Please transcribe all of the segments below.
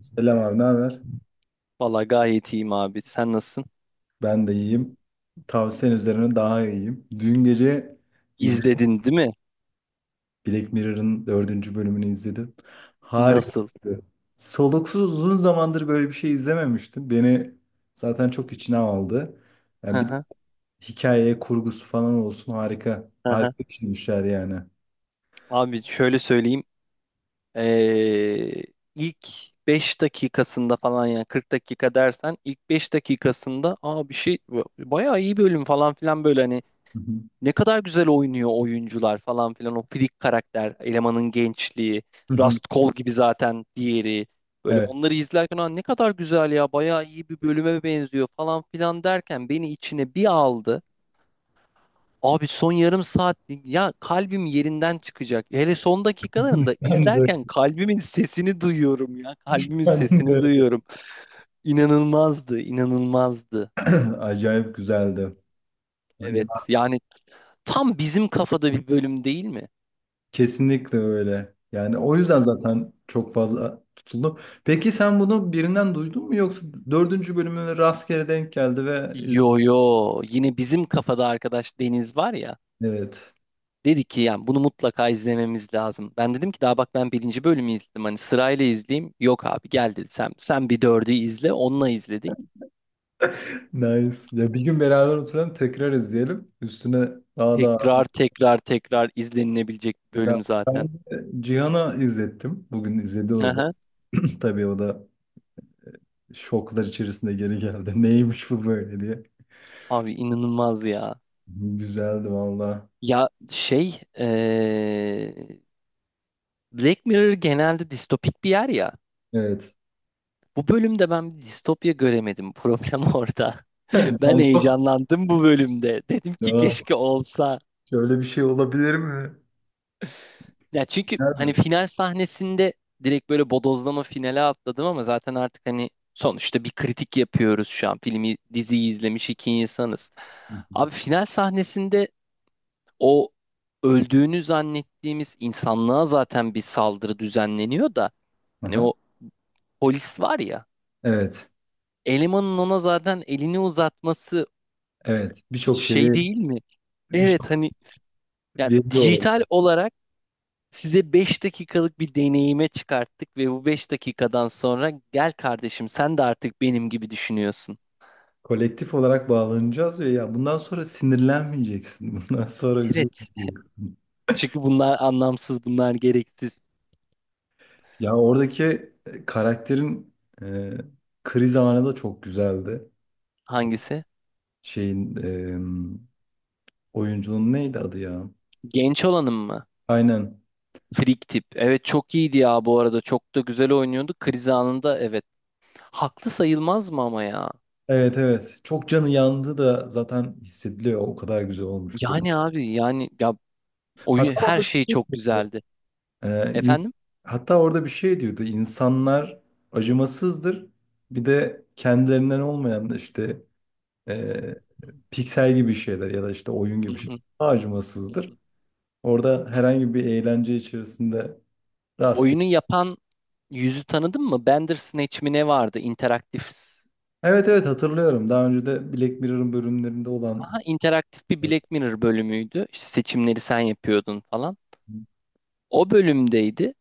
Selam abi, ne haber? Valla gayet iyiyim abi. Sen nasılsın? Ben de iyiyim. Tavsiyen üzerine daha iyiyim. Dün gece izledim. İzledin değil mi? Black Mirror'ın dördüncü bölümünü izledim. Harika. Nasıl? Soluksuz uzun zamandır böyle bir şey izlememiştim. Beni zaten çok içine aldı. Hı Yani bir de hı, hikaye kurgusu falan olsun harika. hı hı. Harika bir şeymişler yani. Hı Abi şöyle söyleyeyim. Ee, ilk 5 dakikasında falan yani 40 dakika dersen ilk 5 dakikasında bir şey bayağı iyi bölüm falan filan böyle hani hı. ne kadar güzel oynuyor oyuncular falan filan o freak karakter elemanın gençliği Hı hı. Rust Cole gibi zaten diğeri böyle Evet. onları izlerken "Aa, ne kadar güzel ya bayağı iyi bir bölüme benziyor falan filan derken beni içine bir aldı. Abi son yarım saat ya kalbim yerinden çıkacak. Hele son dakikalarında Ben de. izlerken kalbimin sesini duyuyorum ya. Kalbimin Ben sesini de. duyuyorum. İnanılmazdı, inanılmazdı. Acayip güzeldi. Ya Evet yani tam bizim kafada bir bölüm değil mi? kesinlikle öyle. Yani o yüzden zaten çok fazla tutuldu. Peki sen bunu birinden duydun mu yoksa dördüncü bölümüne rastgele denk geldi ve Yo yo yine bizim kafada arkadaş Deniz var ya. evet. Dedi ki yani bunu mutlaka izlememiz lazım. Ben dedim ki daha bak ben birinci bölümü izledim. Hani sırayla izleyeyim. Yok abi gel dedi sen, sen bir dördü izle onunla izledik. Nice. Ya bir gün beraber oturalım tekrar izleyelim. Üstüne daha daha. Tekrar tekrar tekrar izlenilebilecek bir Ya bölüm ben zaten. de Cihan'a izlettim. Bugün izledi o da. Aha. Tabii o da şoklar içerisinde geri geldi. Neymiş bu böyle diye. Abi inanılmaz ya. Güzeldi valla. Ya Black Mirror genelde distopik bir yer ya. Evet. Bu bölümde ben bir distopya göremedim. Problem orada. Yani Ben çok- heyecanlandım bu bölümde. Dedim ki ya, keşke olsa. şöyle bir şey olabilir mi? Ya çünkü hani Güzeldi. final sahnesinde direkt böyle bodozlama finale atladım ama zaten artık hani sonuçta bir kritik yapıyoruz şu an. Filmi, diziyi izlemiş iki insanız. Abi final sahnesinde o öldüğünü zannettiğimiz insanlığa zaten bir saldırı düzenleniyor da hani Aha. o polis var ya Evet, elemanın ona zaten elini uzatması evet. Birçok şeyi, şey değil mi? birçok Evet hani ya veriyi o. dijital olarak size 5 dakikalık bir deneyime çıkarttık ve bu 5 dakikadan sonra gel kardeşim sen de artık benim gibi düşünüyorsun. Kolektif olarak bağlanacağız ya. Ya bundan sonra sinirlenmeyeceksin. Bundan sonra Evet. üzülmeyeceksin. Çünkü bunlar anlamsız, bunlar gereksiz. Ya oradaki karakterin e, kriz anı da çok güzeldi. Hangisi? Şeyin oyuncunun neydi adı ya? Genç olanın mı? Aynen. Frik tip. Evet çok iyiydi ya bu arada. Çok da güzel oynuyordu. Kriz anında evet. Haklı sayılmaz mı ama ya? Evet evet. Çok canı yandı da zaten hissediliyor. O kadar güzel olmuş böyle. Yani abi yani ya oyun Hatta her orada şey çok güzeldi. Ee, in- Efendim? hatta orada bir şey diyordu. İnsanlar acımasızdır. Bir de kendilerinden olmayan da işte e, piksel gibi şeyler ya da işte oyun Hı gibi şeyler hı, daha hı acımasızdır. hı. Orada herhangi bir eğlence içerisinde rastgele. Oyunu yapan yüzü tanıdın mı? Bandersnatch mi ne vardı? İnteraktif. Evet evet hatırlıyorum. Daha önce de Black Mirror'ın bölümlerinde olan. Aha, interaktif bir Black Mirror bölümüydü. İşte seçimleri sen yapıyordun falan. O bölümdeydi.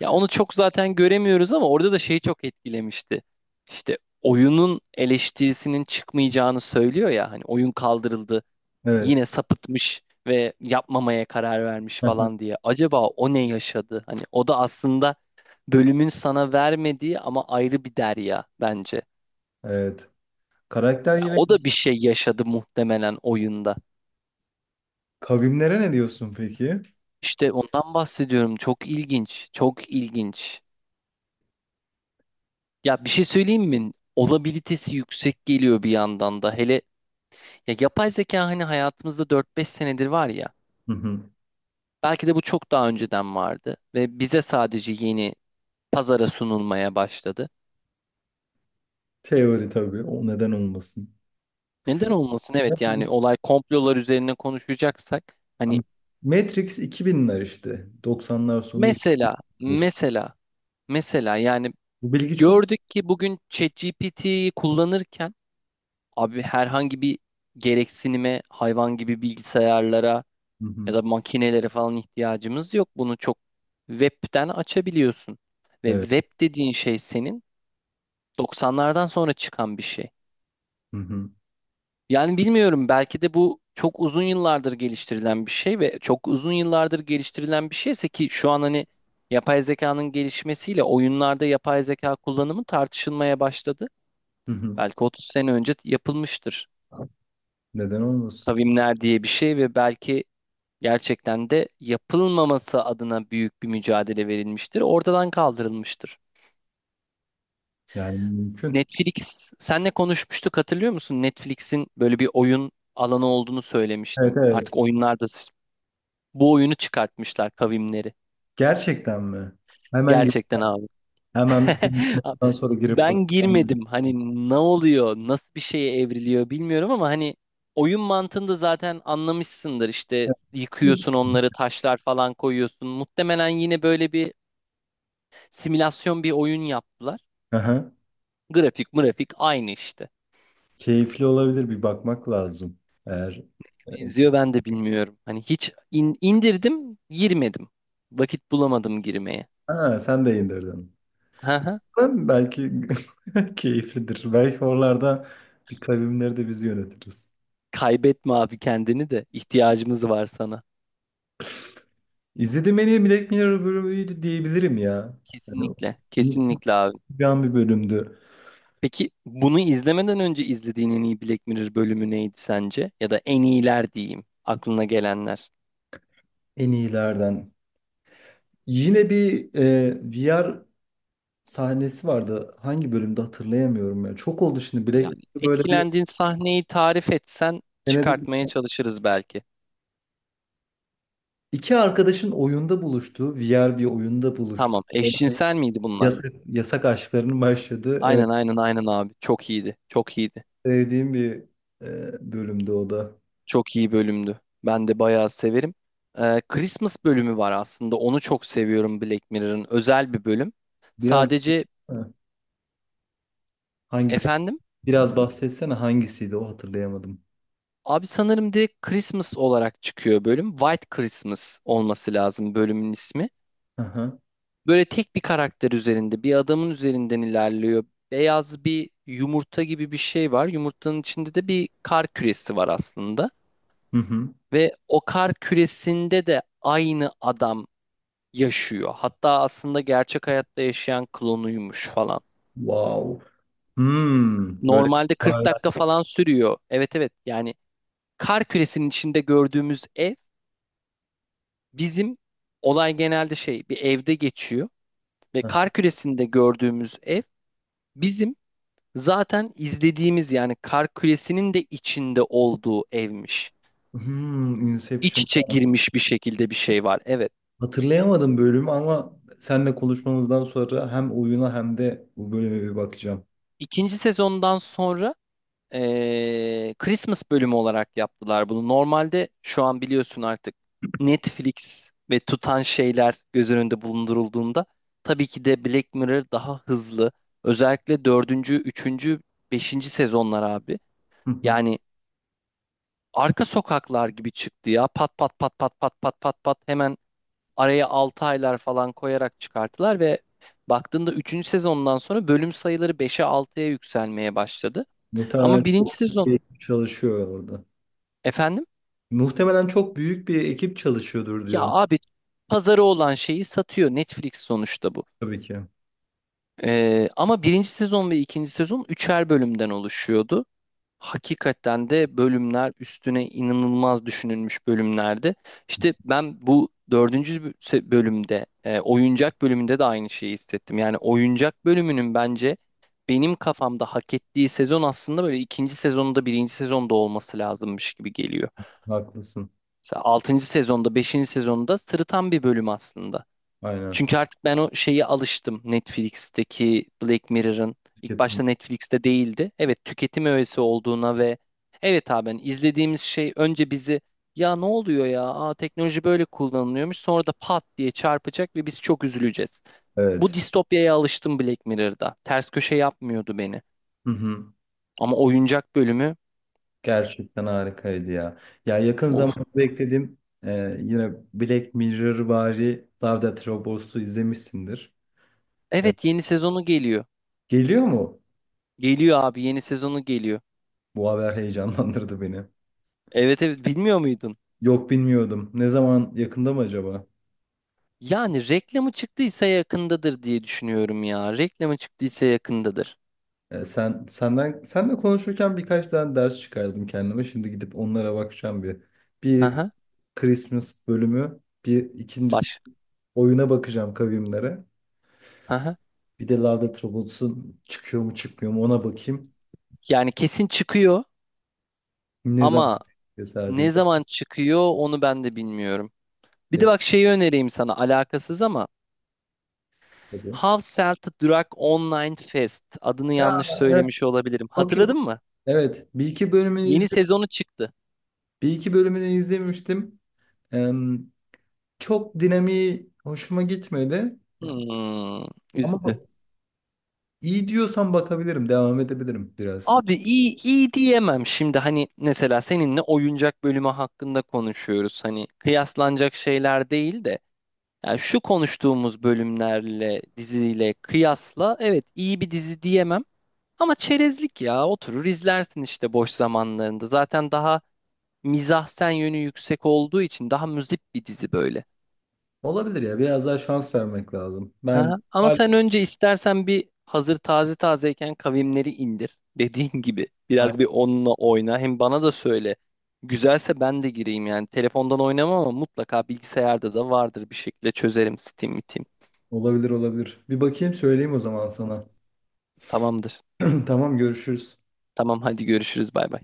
Ya onu çok zaten göremiyoruz ama orada da şey çok etkilemişti. İşte oyunun eleştirisinin çıkmayacağını söylüyor ya hani oyun kaldırıldı. Evet. Yine sapıtmış ve yapmamaya karar vermiş falan diye. Acaba o ne yaşadı? Hani o da aslında bölümün sana vermediği ama ayrı bir derya bence. Evet. Karakter Ya yine o da bir şey yaşadı muhtemelen oyunda. kavimlere ne diyorsun peki? İşte ondan bahsediyorum. Çok ilginç, çok ilginç. Ya bir şey söyleyeyim mi? Olabilitesi yüksek geliyor bir yandan da. Hele ya yapay zeka hani hayatımızda dört beş senedir var ya. Hı hı. Belki de bu çok daha önceden vardı ve bize sadece yeni pazara sunulmaya başladı. Teori tabii. O neden olmasın? Neden olmasın? Evet yani olay komplolar üzerine konuşacaksak hani Ama Matrix 2000'ler işte. 90'lar sonu mesela ilkmiş. mesela mesela yani Bu bilgi çok... gördük ki bugün ChatGPT'yi kullanırken abi herhangi bir gereksinime hayvan gibi bilgisayarlara Hı hı. ya da makinelere falan ihtiyacımız yok. Bunu çok webten açabiliyorsun. Ve Evet. web dediğin şey senin 90'lardan sonra çıkan bir şey. Hı hı. Yani bilmiyorum belki de bu çok uzun yıllardır geliştirilen bir şey ve çok uzun yıllardır geliştirilen bir şeyse ki şu an hani yapay zekanın gelişmesiyle oyunlarda yapay zeka kullanımı tartışılmaya başladı. Hı hı. Belki 30 sene önce yapılmıştır. Neden olmasın? Kavimler diye bir şey ve belki gerçekten de yapılmaması adına büyük bir mücadele verilmiştir. Ortadan kaldırılmıştır. Yani mümkün. Netflix, senle konuşmuştuk hatırlıyor musun? Netflix'in böyle bir oyun alanı olduğunu Evet söylemiştim. evet. Artık oyunlarda bu oyunu çıkartmışlar kavimleri. Gerçekten mi? Hemen gir- Gerçekten abi. hemen Abi, ondan sonra girip ben bakacağım. girmedim. Hani ne oluyor, nasıl bir şeye evriliyor bilmiyorum ama hani oyun mantığını da zaten anlamışsındır. İşte yıkıyorsun onları, taşlar falan koyuyorsun. Muhtemelen yine böyle bir simülasyon bir oyun yaptılar. Aha. Grafik mırafik aynı işte. Keyifli olabilir bir bakmak lazım. Eğer evet. Benziyor ben de bilmiyorum. Hani hiç indirdim, girmedim. Vakit bulamadım girmeye. Ha, sen de indirdin. Hı hı. Ben belki keyiflidir. Belki oralarda bir kavimleri de biz yönetiriz. Kaybetme abi kendini de. İhtiyacımız var sana. İzlediğim en iyi Black Mirror bölümüydü diyebilirim ya. Yani Kesinlikle, kesinlikle abi. unutulmayan bir bölümdü. Peki bunu izlemeden önce izlediğin en iyi Black Mirror bölümü neydi sence? Ya da en iyiler diyeyim, aklına gelenler. En iyilerden. Yine bir VR sahnesi vardı. Hangi bölümde hatırlayamıyorum ya. Çok oldu şimdi Black Yani Mirror böyle bir etkilendiğin sahneyi tarif etsen senede çıkartmaya çalışırız belki. İki arkadaşın oyunda buluştuğu, VR bir oyunda buluştu. Tamam, eşcinsel miydi bunlar? Yasak, yasak aşklarının başladığı. Evet, Aynen aynen aynen abi. Çok iyiydi. Çok iyiydi. sevdiğim bir bölümdü o da. Çok iyi bölümdü. Ben de bayağı severim. Christmas bölümü var aslında. Onu çok seviyorum Black Mirror'ın. Özel bir bölüm. Biraz Sadece ha, hangisi? efendim Biraz bahsetsene hangisiydi o hatırlayamadım. abi sanırım direkt Christmas olarak çıkıyor bölüm. White Christmas olması lazım bölümün ismi. Aha. Böyle tek bir karakter üzerinde, bir adamın üzerinden ilerliyor. Beyaz bir yumurta gibi bir şey var. Yumurtanın içinde de bir kar küresi var aslında. Hı hı. Ve o kar küresinde de aynı adam yaşıyor. Hatta aslında gerçek hayatta yaşayan klonuymuş falan. Wow. Hmm, böyle Normalde 40 paralel. dakika falan sürüyor. Evet evet yani kar küresinin içinde gördüğümüz ev bizim olay genelde şey bir evde geçiyor ve kar küresinde gördüğümüz ev bizim zaten izlediğimiz yani kar küresinin de içinde olduğu evmiş. Hmm, İç Inception. içe girmiş bir şekilde bir şey var. Evet. Hatırlayamadım bölümü ama seninle konuşmamızdan sonra hem oyuna hem de bu bölüme bir bakacağım. İkinci sezondan sonra Christmas bölümü olarak yaptılar bunu. Normalde şu an biliyorsun artık Netflix ve tutan şeyler göz önünde bulundurulduğunda tabii ki de Black Mirror daha hızlı. Özellikle dördüncü, üçüncü, beşinci sezonlar abi. Hı hı. Yani arka sokaklar gibi çıktı ya. Pat pat pat pat pat pat pat pat hemen araya 6 aylar falan koyarak çıkarttılar ve baktığında üçüncü sezondan sonra bölüm sayıları beşe altıya yükselmeye başladı. Muhtemelen Ama birinci çok büyük bir sezon ekip çalışıyor orada. efendim. Muhtemelen çok büyük bir ekip çalışıyordur Ya diyorum. abi pazarı olan şeyi satıyor Netflix sonuçta bu. Tabii ki. Ama birinci sezon ve ikinci sezon üçer bölümden oluşuyordu. Hakikaten de bölümler üstüne inanılmaz düşünülmüş bölümlerdi. İşte ben bu dördüncü bölümde oyuncak bölümünde de aynı şeyi hissettim. Yani oyuncak bölümünün bence benim kafamda hak ettiği sezon aslında böyle ikinci sezonda birinci sezonda olması lazımmış gibi geliyor. Haklısın. Mesela altıncı sezonda beşinci sezonda sırıtan bir bölüm aslında. Aynen. Çünkü artık ben o şeye alıştım. Netflix'teki Black Mirror'ın ilk Şirketim. başta Netflix'te değildi. Evet tüketim öğesi olduğuna ve evet abi hani izlediğimiz şey önce bizi ya ne oluyor ya Aa, teknoloji böyle kullanılıyormuş sonra da pat diye çarpacak ve biz çok üzüleceğiz. Bu Evet. distopyaya alıştım Black Mirror'da. Ters köşe yapmıyordu beni. Hı hı. Ama oyuncak bölümü, Gerçekten harikaydı ya. Ya yakın of. zamanda beklediğim e, yine Black Mirror vari Love Death Robots'u izlemişsindir. E, Evet yeni sezonu geliyor. Geliyor mu? Geliyor abi yeni sezonu geliyor. Bu haber heyecanlandırdı beni. Evet evet bilmiyor muydun? Yok bilmiyordum. Ne zaman yakında mı acaba? Yani reklamı çıktıysa yakındadır diye düşünüyorum ya. Reklamı çıktıysa yakındadır. Senle konuşurken birkaç tane ders çıkardım kendime. Şimdi gidip onlara bakacağım bir. Bir Aha, Christmas bölümü, bir ikincisi baş. oyuna bakacağım kavimlere. Aha. Bir de Love Death Robots'un çıkıyor mu çıkmıyor mu ona bakayım. Yani kesin çıkıyor Ne ama zaman çıkıyor sadece ne zaman çıkıyor onu ben de bilmiyorum. Bir de bak şeyi önereyim sana alakasız ama yakında. How Sell to Drug Online Fest adını Ya yanlış evet. söylemiş olabilirim. Yok yok. Hatırladın mı? Evet, Yeni sezonu çıktı. bir iki bölümünü izlemiştim. Em, Çok dinamiği hoşuma gitmedi. Yani Hmm, Ama üzdü. bu- iyi diyorsan bakabilirim, devam edebilirim biraz. Abi iyi iyi diyemem şimdi hani mesela seninle oyuncak bölümü hakkında konuşuyoruz. Hani kıyaslanacak şeyler değil de yani şu konuştuğumuz bölümlerle diziyle kıyasla evet iyi bir dizi diyemem ama çerezlik ya oturur izlersin işte boş zamanlarında. Zaten daha mizahsen yönü yüksek olduğu için daha müzip bir dizi böyle. Olabilir ya, biraz daha şans vermek lazım. Ha, ama Ay- sen önce istersen bir hazır taze tazeyken kavimleri indir. Dediğin gibi biraz bir onunla oyna. Hem bana da söyle. Güzelse ben de gireyim yani. Telefondan oynamam ama mutlaka bilgisayarda da vardır bir şekilde çözerim Steam, Steam. Olabilir olabilir. Bir bakayım söyleyeyim o zaman sana. Tamamdır. Tamam görüşürüz. Tamam hadi görüşürüz bay bay.